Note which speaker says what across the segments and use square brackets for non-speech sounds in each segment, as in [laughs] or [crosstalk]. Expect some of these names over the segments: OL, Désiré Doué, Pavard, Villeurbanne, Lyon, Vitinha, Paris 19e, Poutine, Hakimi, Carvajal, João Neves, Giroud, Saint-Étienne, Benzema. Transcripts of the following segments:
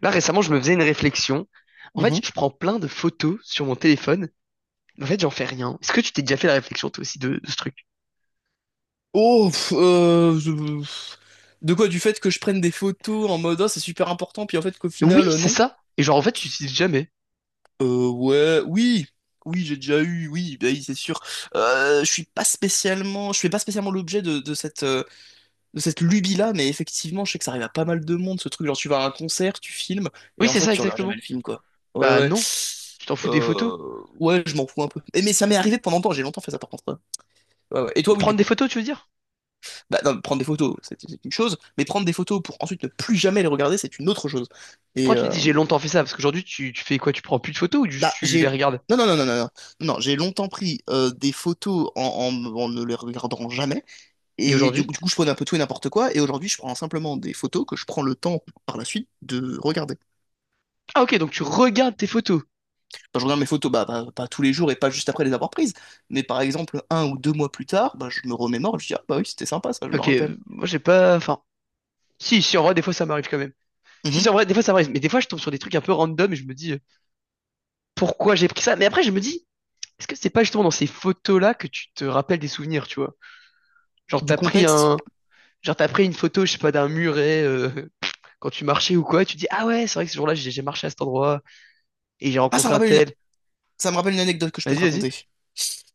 Speaker 1: Là, récemment, je me faisais une réflexion. En fait,
Speaker 2: Mhm.
Speaker 1: je prends plein de photos sur mon téléphone. En fait, j'en fais rien. Est-ce que tu t'es déjà fait la réflexion, toi aussi, de ce truc?
Speaker 2: Oh, de quoi? Du fait que je prenne des photos en mode, Ah, c'est super important, puis en fait qu'au
Speaker 1: Oui,
Speaker 2: final,
Speaker 1: c'est
Speaker 2: non.
Speaker 1: ça. Et genre, en fait, tu l'utilises jamais.
Speaker 2: Ouais, oui, oui, j'ai déjà eu, oui, bah oui, c'est sûr. Je suis pas spécialement, je fais pas spécialement l'objet de cette lubie-là, mais effectivement, je sais que ça arrive à pas mal de monde, ce truc, genre tu vas à un concert, tu filmes, et
Speaker 1: Oui,
Speaker 2: en
Speaker 1: c'est
Speaker 2: fait,
Speaker 1: ça,
Speaker 2: tu regardes jamais le
Speaker 1: exactement.
Speaker 2: film, quoi. Ouais,
Speaker 1: Bah
Speaker 2: ouais.
Speaker 1: non. Tu t'en fous des photos.
Speaker 2: Euh, Ouais, je m'en fous un peu. Mais ça m'est arrivé pendant longtemps, j'ai longtemps fait ça par contre, hein. Ouais, ouais. Et toi, oui, du
Speaker 1: Prendre des
Speaker 2: coup.
Speaker 1: photos, tu veux dire?
Speaker 2: Bah, non, prendre des photos, c'est une chose, mais prendre des photos pour ensuite ne plus jamais les regarder, c'est une autre chose. Et
Speaker 1: Pourquoi tu te dis j'ai longtemps fait ça? Parce qu'aujourd'hui, tu fais quoi? Tu prends plus de photos ou juste
Speaker 2: bah,
Speaker 1: tu les
Speaker 2: j'ai.
Speaker 1: regardes?
Speaker 2: Non, non, non, non, non, non, non, j'ai longtemps pris des photos en ne les regardant jamais.
Speaker 1: Et
Speaker 2: Et du,
Speaker 1: aujourd'hui?
Speaker 2: coup, du coup, je prenais un peu tout et n'importe quoi. Et aujourd'hui, je prends simplement des photos que je prends le temps par la suite de regarder.
Speaker 1: Ah, ok, donc tu regardes tes photos.
Speaker 2: Quand je regarde mes photos, pas tous les jours et pas juste après les avoir prises. Mais par exemple, 1 ou 2 mois plus tard, bah, je me remémore, je dis, ah bah oui, c'était sympa, ça, je me
Speaker 1: Ok,
Speaker 2: rappelle.
Speaker 1: moi, j'ai pas. Enfin. Si, si, en vrai, des fois, ça m'arrive quand même. Si,
Speaker 2: Mhm.
Speaker 1: si, en vrai, des fois, ça m'arrive. Mais des fois, je tombe sur des trucs un peu random et je me dis pourquoi j'ai pris ça? Mais après, je me dis. Est-ce que c'est pas justement dans ces photos-là que tu te rappelles des souvenirs, tu vois? Genre
Speaker 2: Du
Speaker 1: t'as pris
Speaker 2: contexte.
Speaker 1: un, genre t'as pris une photo, je sais pas, d'un muret [laughs] quand tu marchais ou quoi, et tu dis ah ouais, c'est vrai que ce jour-là j'ai marché à cet endroit et j'ai
Speaker 2: Ah,
Speaker 1: rencontré un tel.
Speaker 2: ça me rappelle une anecdote que je peux te
Speaker 1: Vas-y, vas-y.
Speaker 2: raconter.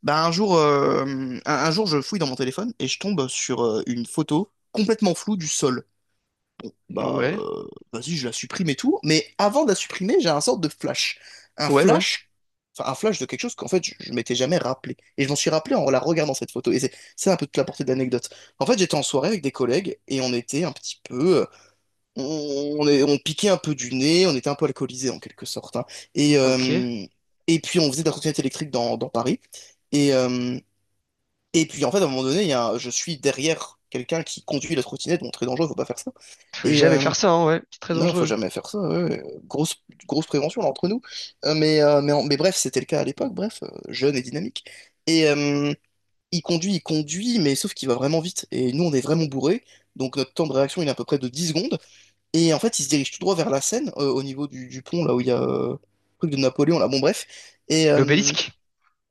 Speaker 2: Bah, un jour, je fouille dans mon téléphone et je tombe sur une photo complètement floue du sol. Bah,
Speaker 1: Ouais,
Speaker 2: vas-y, je la supprime et tout. Mais avant de la supprimer, j'ai un sorte de flash. Un
Speaker 1: ouais, ouais.
Speaker 2: flash, de quelque chose qu'en fait je m'étais jamais rappelé. Et je m'en suis rappelé en la regardant cette photo. Et c'est un peu toute la portée de l'anecdote. En fait, j'étais en soirée avec des collègues et on était un petit peu. On piquait un peu du nez, on était un peu alcoolisés en quelque sorte, hein. Et,
Speaker 1: Ok.
Speaker 2: euh, et puis on faisait de la trottinette électrique dans Paris. Et, euh, et puis en fait, à un moment donné, il y a un- je suis derrière quelqu'un qui conduit la trottinette, bon, très dangereux, faut pas faire ça.
Speaker 1: Faut
Speaker 2: Et,
Speaker 1: jamais
Speaker 2: euh,
Speaker 1: faire ça, hein, ouais. C'est très
Speaker 2: non, faut
Speaker 1: dangereux.
Speaker 2: jamais faire ça. Ouais, ouais. Grosse, grosse prévention là, entre nous. Mais bref, c'était le cas à l'époque. Bref, jeune et dynamique. Et il conduit, mais sauf qu'il va vraiment vite. Et nous, on est vraiment bourrés. Donc notre temps de réaction, il est à peu près de 10 secondes. Et en fait, il se dirige tout droit vers la Seine, au niveau du pont, là où il y a le truc de Napoléon, là. Bon, bref. Et, euh,
Speaker 1: L'obélisque.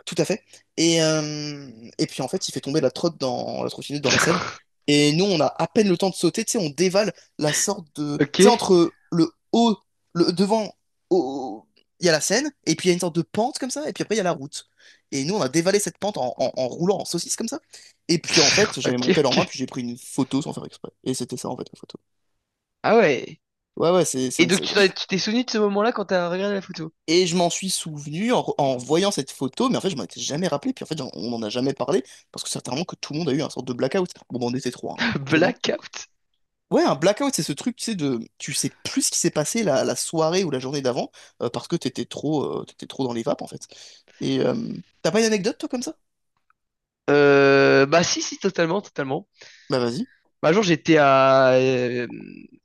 Speaker 2: Tout à fait. Et, euh, et puis en fait, il fait tomber la trottinette dans la Seine.
Speaker 1: [laughs]
Speaker 2: Et nous, on a à peine le temps de sauter, tu sais, on dévale la sorte de. Tu
Speaker 1: Ok.
Speaker 2: sais,
Speaker 1: [laughs]
Speaker 2: entre le haut, le devant, au- il y a la Seine, et puis il y a une sorte de pente comme ça, et puis après, il y a la route. Et nous, on a dévalé cette pente en roulant en saucisse comme ça. Et puis en fait, j'avais
Speaker 1: Ok,
Speaker 2: mon tel en main,
Speaker 1: ok.
Speaker 2: puis j'ai pris une photo sans faire exprès. Et c'était ça en fait, la photo.
Speaker 1: Ah ouais.
Speaker 2: Ouais, ouais, c'est
Speaker 1: Et
Speaker 2: une.
Speaker 1: donc tu t'es souvenu de ce moment-là quand t'as regardé la photo?
Speaker 2: Et je m'en suis souvenu en voyant cette photo, mais en fait, je m'en étais jamais rappelé. Puis en fait, on n'en a jamais parlé parce que certainement que tout le monde a eu un sorte de blackout. Bon, ben, on était trois, hein,
Speaker 1: [laughs]
Speaker 2: forcément.
Speaker 1: Blackout.
Speaker 2: Ouais, un blackout, c'est ce truc, tu sais, de, tu sais plus ce qui s'est passé la soirée ou la journée d'avant, parce que t'étais trop dans les vapes, en fait. Et t'as pas une anecdote, toi, comme ça?
Speaker 1: Bah si, si, totalement, totalement.
Speaker 2: Bah, vas-y.
Speaker 1: Bah, un jour, j'étais à, euh,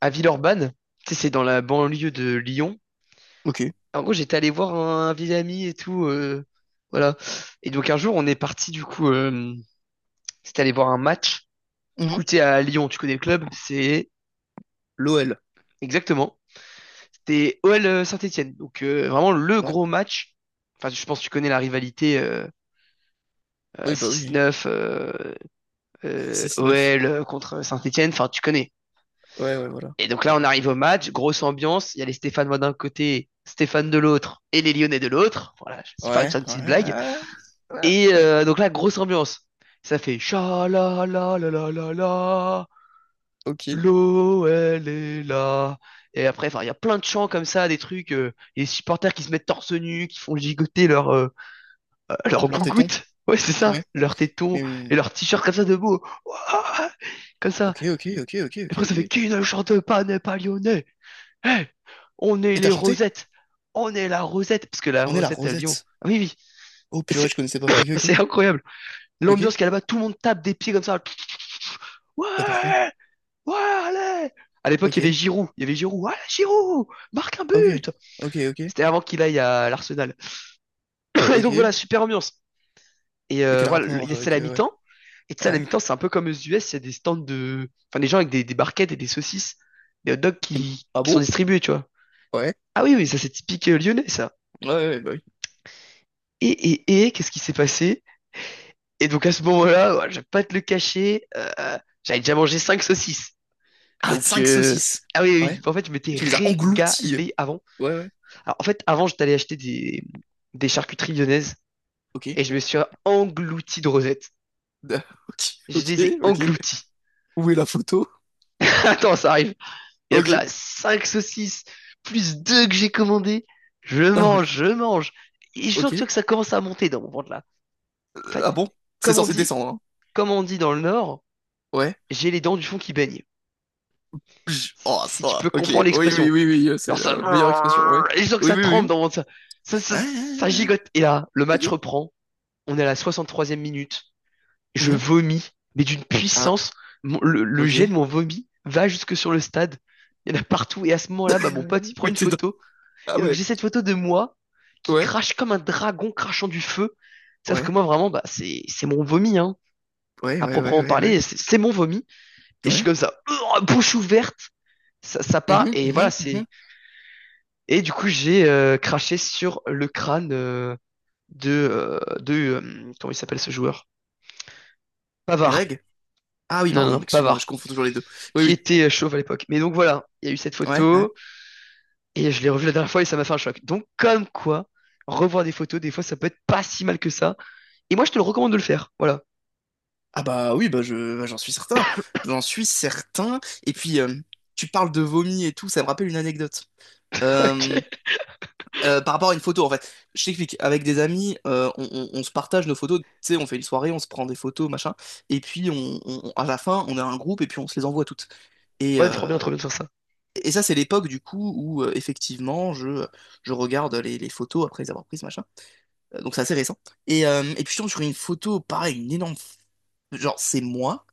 Speaker 1: à Villeurbanne. Tu sais, c'est dans la banlieue de Lyon.
Speaker 2: Ok.
Speaker 1: En gros, j'étais allé voir un vieil ami et tout. Voilà. Et donc, un jour, on est parti, du coup, c'était aller voir un match. Du
Speaker 2: Mhm.
Speaker 1: coup, tu sais, à Lyon, tu connais le club, c'est
Speaker 2: L'OL.
Speaker 1: exactement. C'était OL Saint-Étienne. Donc, vraiment le
Speaker 2: Ouais.
Speaker 1: gros match. Enfin, je pense que tu connais la rivalité
Speaker 2: Oui, bah oui.
Speaker 1: 6-9,
Speaker 2: [laughs] Six neuf.
Speaker 1: OL contre Saint-Étienne. Enfin, tu connais.
Speaker 2: Ouais, ouais, voilà.
Speaker 1: Et donc là, on arrive au match, grosse ambiance. Il y a les Stéphanois d'un côté, Stéphane de l'autre et les Lyonnais de l'autre. Voilà, je vais faire
Speaker 2: Ouais,
Speaker 1: une petite
Speaker 2: ouais,
Speaker 1: blague.
Speaker 2: ouais. Ouais.
Speaker 1: Et
Speaker 2: Ouais.
Speaker 1: euh, donc là, grosse ambiance. Ça fait cha la la la la la la,
Speaker 2: Ok.
Speaker 1: l'eau elle est là. Et après, enfin, il y a plein de chants comme ça, des trucs, les supporters qui se mettent torse nu, qui font gigoter leur [laughs] leur
Speaker 2: Leur téton.
Speaker 1: gougoute. Ouais, c'est
Speaker 2: Ouais.
Speaker 1: ça, leurs tétons
Speaker 2: Oui, oui,
Speaker 1: et
Speaker 2: oui.
Speaker 1: leurs t-shirts comme ça de beau. Ouah, comme ça.
Speaker 2: Ok, ok, ok, ok,
Speaker 1: Et
Speaker 2: ok,
Speaker 1: après, ça
Speaker 2: ok.
Speaker 1: fait qui ne chante pas n'est pas lyonnais. Hey, on est
Speaker 2: Et t'as
Speaker 1: les
Speaker 2: chanté?
Speaker 1: Rosettes. On est la Rosette. Parce que la
Speaker 2: On est la
Speaker 1: Rosette à Lyon.
Speaker 2: Rosette.
Speaker 1: Ah oui, oui.
Speaker 2: Oh
Speaker 1: Et
Speaker 2: purée,
Speaker 1: c'est,
Speaker 2: je connaissais pas.
Speaker 1: [coughs]
Speaker 2: Ok,
Speaker 1: [laughs]
Speaker 2: ok,
Speaker 1: c'est incroyable.
Speaker 2: ok.
Speaker 1: L'ambiance
Speaker 2: Et
Speaker 1: qu'il y a là-bas, tout le monde tape des pieds comme ça.
Speaker 2: pourquoi?
Speaker 1: Ouais, ouais, allez. À l'époque, il
Speaker 2: Ok,
Speaker 1: y avait Giroud. Il y avait Giroud. Ouais, Giroud, marque un
Speaker 2: ok,
Speaker 1: but.
Speaker 2: ok, ok,
Speaker 1: C'était avant qu'il aille à l'Arsenal. [coughs] [clears throat] Et donc
Speaker 2: ok.
Speaker 1: voilà, super ambiance. Et
Speaker 2: Mais
Speaker 1: euh,
Speaker 2: quel
Speaker 1: voilà,
Speaker 2: rapport
Speaker 1: c'est
Speaker 2: avec...
Speaker 1: la
Speaker 2: ouais.
Speaker 1: mi-temps. Et tu sais, à la
Speaker 2: Ouais.
Speaker 1: mi-temps, c'est un peu comme aux US, il y a des stands de. Enfin, des gens avec des barquettes et des saucisses, des hot dogs qui,
Speaker 2: Ah
Speaker 1: qui sont
Speaker 2: bon?
Speaker 1: distribués, tu vois.
Speaker 2: Ouais.
Speaker 1: Ah oui, oui, ça c'est typique lyonnais, ça.
Speaker 2: Ouais, ouais, ouais, bah oui.
Speaker 1: Et, et, qu'est-ce qui s'est passé? Et donc à ce moment-là, ouais, je vais pas te le cacher, j'avais déjà mangé 5 saucisses.
Speaker 2: Ah,
Speaker 1: Donc
Speaker 2: 5 saucisses.
Speaker 1: ah oui, oui,
Speaker 2: Ouais.
Speaker 1: oui, en fait, je
Speaker 2: Et
Speaker 1: m'étais
Speaker 2: tu les as englouties.
Speaker 1: régalé avant.
Speaker 2: Ouais, ouais.
Speaker 1: Alors, en fait, avant, j'étais allé acheter des charcuteries lyonnaises
Speaker 2: Ok.
Speaker 1: et je me suis englouti de rosettes.
Speaker 2: Da- [laughs] Ok,
Speaker 1: Je
Speaker 2: ok,
Speaker 1: les ai
Speaker 2: ok.
Speaker 1: engloutis.
Speaker 2: Où est la photo?
Speaker 1: [laughs] Attends, ça arrive. Et donc là,
Speaker 2: Ok.
Speaker 1: 5 saucisses plus 2 que j'ai commandées. Je
Speaker 2: Ah ouais.
Speaker 1: mange, je mange. Et je sens que, tu
Speaker 2: Ok.
Speaker 1: vois que ça commence à monter dans mon ventre là. En
Speaker 2: Ah
Speaker 1: fait,
Speaker 2: bon? C'est
Speaker 1: comme on
Speaker 2: censé
Speaker 1: dit,
Speaker 2: descendre, hein.
Speaker 1: comme on dit dans le Nord,
Speaker 2: Ouais.
Speaker 1: j'ai les dents du fond qui baignent.
Speaker 2: Pj.
Speaker 1: Si,
Speaker 2: Oh,
Speaker 1: si tu
Speaker 2: ça.
Speaker 1: peux
Speaker 2: Ok.
Speaker 1: comprendre
Speaker 2: Oui, oui,
Speaker 1: l'expression.
Speaker 2: oui, oui. C'est
Speaker 1: Alors ça,
Speaker 2: la meilleure expression, ouais.
Speaker 1: et je sens que
Speaker 2: Oui,
Speaker 1: ça
Speaker 2: oui,
Speaker 1: tremble
Speaker 2: oui.
Speaker 1: ça, ça, ça,
Speaker 2: Ah, ah,
Speaker 1: ça
Speaker 2: ah, ah.
Speaker 1: gigote. Et là, le match
Speaker 2: Ok.
Speaker 1: reprend. On est à la 63e minute. Je
Speaker 2: Mhm.
Speaker 1: vomis, mais d'une
Speaker 2: Ah,
Speaker 1: puissance. Le jet
Speaker 2: ok.
Speaker 1: de mon vomi va jusque sur le stade. Il y en a partout. Et à ce moment-là, bah, mon pote, il
Speaker 2: Mhm. [laughs]
Speaker 1: prend
Speaker 2: Mais
Speaker 1: une
Speaker 2: t'es dans...
Speaker 1: photo.
Speaker 2: Ah
Speaker 1: Et donc,
Speaker 2: ouais.
Speaker 1: j'ai cette photo de moi qui
Speaker 2: Ouais.
Speaker 1: crache comme un dragon crachant du feu. Sauf que
Speaker 2: Ouais.
Speaker 1: moi, vraiment, bah, c'est mon vomi, hein.
Speaker 2: Ouais,
Speaker 1: À
Speaker 2: ouais, ouais,
Speaker 1: proprement
Speaker 2: ouais, ouais.
Speaker 1: parler, c'est mon vomi. Et je suis
Speaker 2: Ouais.
Speaker 1: comme ça, bouche ouverte. Ça part.
Speaker 2: Mhm,
Speaker 1: Et voilà,
Speaker 2: mhm, mhm.
Speaker 1: c'est, et du coup, j'ai craché sur le crâne de comment il s'appelle ce joueur? Pavard.
Speaker 2: Greg? Ah oui,
Speaker 1: Non, non,
Speaker 2: pardon,
Speaker 1: non,
Speaker 2: excuse-moi, je
Speaker 1: Pavard,
Speaker 2: confonds toujours les deux. Oui,
Speaker 1: qui
Speaker 2: oui.
Speaker 1: était chauve à l'époque. Mais donc voilà, il y a eu cette
Speaker 2: Ouais, ouais.
Speaker 1: photo et je l'ai revue la dernière fois et ça m'a fait un choc. Donc comme quoi, revoir des photos, des fois, ça peut être pas si mal que ça. Et moi, je te le recommande de le faire. Voilà.
Speaker 2: Ah bah oui, j'en suis certain. J'en suis certain. Et puis, tu parles de vomi et tout, ça me rappelle une anecdote.
Speaker 1: [laughs]
Speaker 2: Euh,
Speaker 1: Ok.
Speaker 2: Par rapport à une photo, en fait. Je t'explique. Avec des amis, on se partage nos photos. Tu sais, on fait une soirée, on se prend des photos, machin. Et puis, à la fin, on a un groupe et puis on se les envoie toutes. Et,
Speaker 1: Ouais, trop
Speaker 2: euh,
Speaker 1: bien de faire ça.
Speaker 2: Et ça, c'est l'époque du coup où effectivement je regarde les photos après les avoir prises, machin. Donc c'est assez récent. Et puis je tombe sur une photo, pareil, une énorme. Genre, c'est moi.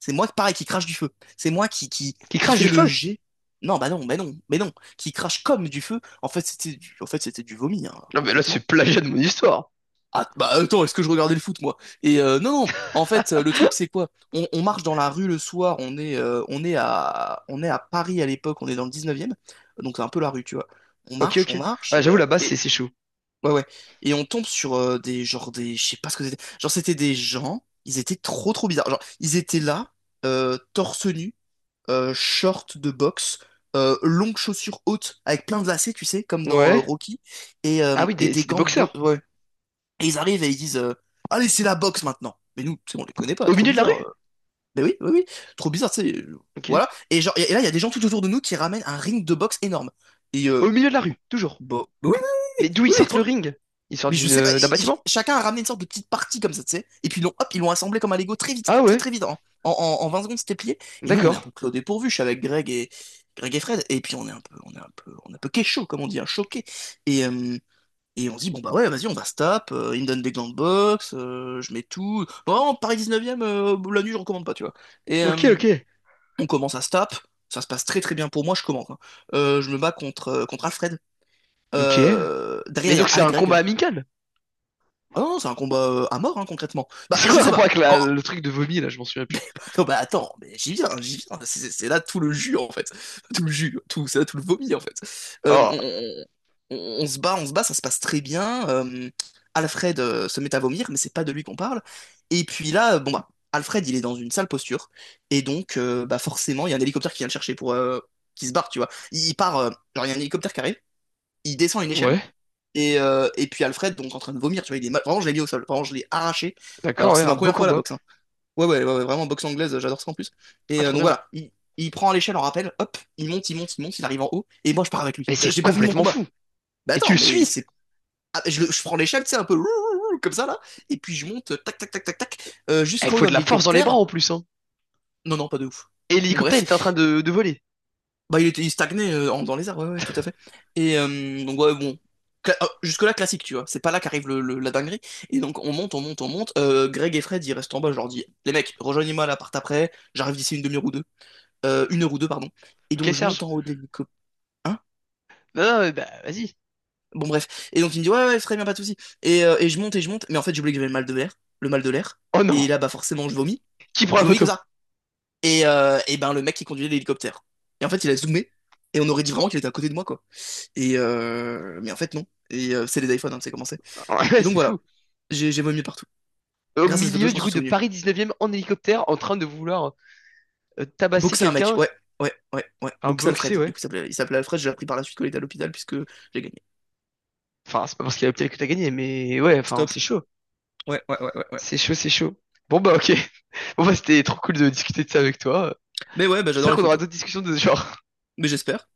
Speaker 2: C'est moi, pareil, qui crache du feu. C'est moi qui, qui,
Speaker 1: Qui
Speaker 2: qui
Speaker 1: crache du
Speaker 2: fait le
Speaker 1: feu.
Speaker 2: G. Non, bah non, mais non, mais non. Qui crache comme du feu. En fait, c'était du vomi, hein,
Speaker 1: Non, mais là,
Speaker 2: concrètement.
Speaker 1: c'est plagiat de mon histoire.
Speaker 2: Ah, bah attends, est-ce que je regardais le foot, moi? Et non, non, en fait, le truc, c'est quoi? On marche dans la rue le soir, on est à Paris à l'époque, on est dans le 19e, donc c'est un peu la rue, tu vois.
Speaker 1: Ok, ok.
Speaker 2: On marche,
Speaker 1: Ouais, j'avoue, là-bas, c'est chaud.
Speaker 2: ouais, ouais. Et on tombe sur des, genre, des, je sais pas ce que c'était. Genre, c'était des gens, ils étaient trop, trop bizarres. Genre, ils étaient là, torse nu, short de boxe, longues chaussures hautes, avec plein de lacets, tu sais, comme dans
Speaker 1: Ouais.
Speaker 2: Rocky, et, euh,
Speaker 1: Ah oui,
Speaker 2: et des
Speaker 1: c'est des
Speaker 2: gants de
Speaker 1: boxeurs.
Speaker 2: boxe, ouais. Et ils arrivent et ils disent, Allez, c'est la boxe maintenant. Mais nous, c'est bon, on les connaît pas,
Speaker 1: Au
Speaker 2: trop
Speaker 1: milieu de la
Speaker 2: bizarre.
Speaker 1: rue?
Speaker 2: Mais oui, oui, oui, trop bizarre, tu sais.
Speaker 1: Ok.
Speaker 2: Voilà. Et, genre, et là, il y a des gens tout autour de nous qui ramènent un ring de boxe énorme. Et
Speaker 1: Au milieu de la rue, toujours.
Speaker 2: bon, oui, oui, oui,
Speaker 1: Mais d'où ils
Speaker 2: oui, oui,
Speaker 1: sortent le
Speaker 2: trop.
Speaker 1: ring? Ils sortent
Speaker 2: Mais je sais pas,
Speaker 1: d'un bâtiment?
Speaker 2: chacun a ramené une sorte de petite partie comme ça, tu sais. Et puis ils l'ont, hop, ils l'ont assemblé comme un Lego très vite,
Speaker 1: Ah
Speaker 2: très
Speaker 1: ouais,
Speaker 2: très vite, hein. En 20 secondes, c'était plié. Et nous, on est un
Speaker 1: d'accord.
Speaker 2: peu clos dépourvu. Je suis avec Greg et Fred. Et puis on est un peu, on est un peu, on est un peu chaud, comme on dit, un choqué. Et, euh, et on se dit, bon, bah ouais, vas-y, on va se tape, il me donne des gants de boxe, je mets tout. Bon, Paris 19e, la nuit, je recommande pas, tu vois. Et
Speaker 1: Ok, ok.
Speaker 2: on commence à se tape, ça se passe très très bien pour moi, je commence, hein. Je me bats contre Alfred.
Speaker 1: Ok. Mais
Speaker 2: Derrière, il y
Speaker 1: donc
Speaker 2: a
Speaker 1: c'est
Speaker 2: Al
Speaker 1: un combat
Speaker 2: Greg.
Speaker 1: amical?
Speaker 2: Ah non, c'est un combat à mort, hein, concrètement.
Speaker 1: [laughs]
Speaker 2: Bah,
Speaker 1: C'est quoi
Speaker 2: je
Speaker 1: le
Speaker 2: sais
Speaker 1: rapport
Speaker 2: pas.
Speaker 1: avec le truc de vomi là? Je m'en souviens
Speaker 2: [laughs] Mais
Speaker 1: plus.
Speaker 2: bah, non, bah attends, mais j'y viens, j'y viens. C'est là tout le jus, en fait. [laughs] Tout le jus, tout, c'est là tout le vomi, en fait.
Speaker 1: Oh,
Speaker 2: Euh, on se bat, on se bat, ça se passe très bien. Alfred se met à vomir, mais c'est pas de lui qu'on parle. Et puis là, bon bah, Alfred, il est dans une sale posture. Et donc, bah forcément, il y a un hélicoptère qui vient le chercher qui se barre, tu vois. Il y a un hélicoptère qui arrive, il descend une échelle.
Speaker 1: ouais,
Speaker 2: Et puis Alfred, donc en train de vomir, tu vois, il est mal. Vraiment, je l'ai mis au sol. Vraiment, je l'ai arraché. Alors
Speaker 1: d'accord,
Speaker 2: que
Speaker 1: ouais,
Speaker 2: c'était
Speaker 1: un
Speaker 2: ma
Speaker 1: beau
Speaker 2: première fois à la
Speaker 1: combat.
Speaker 2: boxe, hein. Ouais, ouais, ouais, ouais, vraiment boxe anglaise, j'adore ça en plus.
Speaker 1: Ah,
Speaker 2: Et
Speaker 1: trop
Speaker 2: donc
Speaker 1: bien.
Speaker 2: voilà, il prend à l'échelle en rappel, hop, il monte, il monte, il monte, il arrive en haut, et moi je pars avec lui.
Speaker 1: Mais c'est
Speaker 2: J'ai pas fini mon
Speaker 1: complètement
Speaker 2: combat.
Speaker 1: fou.
Speaker 2: Bah
Speaker 1: Et tu
Speaker 2: attends,
Speaker 1: le
Speaker 2: mais
Speaker 1: suis.
Speaker 2: c'est. Ah, je prends l'échelle, tu sais, un peu comme ça là, et puis je monte, tac, tac, tac, tac, tac,
Speaker 1: Eh, il
Speaker 2: jusqu'en haut
Speaker 1: faut
Speaker 2: dans
Speaker 1: de la force dans les bras
Speaker 2: l'hélicoptère.
Speaker 1: en plus, hein.
Speaker 2: Non, non, pas de ouf.
Speaker 1: Et
Speaker 2: Bon,
Speaker 1: l'hélicoptère, il
Speaker 2: bref,
Speaker 1: était en train de voler.
Speaker 2: bah il stagnait dans les airs, ouais, ouais, tout à fait. Et donc, ouais, bon. Jusque-là, classique, tu vois. C'est pas là qu'arrive la dinguerie. Et donc, on monte, on monte, on monte. Greg et Fred, ils restent en bas. Je leur dis, les mecs, rejoignez-moi à l'appart après. J'arrive d'ici une demi-heure ou deux. Une heure ou deux, pardon. Et
Speaker 1: Ok,
Speaker 2: donc, je
Speaker 1: Serge.
Speaker 2: monte en haut de l'hélicoptère. Hein?
Speaker 1: Non, non, mais bah, vas-y.
Speaker 2: Bon, bref. Et donc, il me dit, ouais, ouais, très bien, pas de souci. Et je monte et je monte. Mais en fait, j'ai oublié que j'avais le mal de l'air. Le mal de l'air.
Speaker 1: Oh non.
Speaker 2: Et là, bah, forcément, je vomis.
Speaker 1: Qui prend
Speaker 2: Je
Speaker 1: la
Speaker 2: vomis
Speaker 1: photo?
Speaker 2: comme ça. Et ben, le mec qui conduisait l'hélicoptère. Et en fait, il a zoomé. Et on aurait dit vraiment qu'il était à côté de moi, quoi. Et mais en fait, non. Et c'est les iPhones, hein, c'est commencé.
Speaker 1: [laughs] Ouais,
Speaker 2: Et donc,
Speaker 1: c'est
Speaker 2: voilà.
Speaker 1: fou.
Speaker 2: J'ai vomi partout.
Speaker 1: Au
Speaker 2: Grâce à cette photo,
Speaker 1: milieu,
Speaker 2: je m'en
Speaker 1: du
Speaker 2: suis
Speaker 1: coup, de
Speaker 2: souvenu.
Speaker 1: Paris 19e en hélicoptère en train de vouloir tabasser
Speaker 2: Boxer un mec.
Speaker 1: quelqu'un,
Speaker 2: Ouais, ouais, ouais, ouais.
Speaker 1: un
Speaker 2: Boxer
Speaker 1: boxer,
Speaker 2: Alfred. Du
Speaker 1: ouais.
Speaker 2: coup, il s'appelait Alfred. J'ai appris par la suite qu'il était à l'hôpital puisque j'ai gagné.
Speaker 1: Enfin, c'est pas parce qu'il y a Optiel que t'as gagné, mais ouais, enfin,
Speaker 2: Stop.
Speaker 1: c'est chaud.
Speaker 2: Ouais, ouais, ouais, ouais. Ouais.
Speaker 1: C'est chaud, c'est chaud. Bon bah ok. [laughs] Bon bah c'était trop cool de discuter de ça avec toi.
Speaker 2: Mais ouais, bah, j'adore
Speaker 1: J'espère
Speaker 2: les
Speaker 1: qu'on aura
Speaker 2: photos.
Speaker 1: d'autres discussions de ce genre.
Speaker 2: Mais j'espère.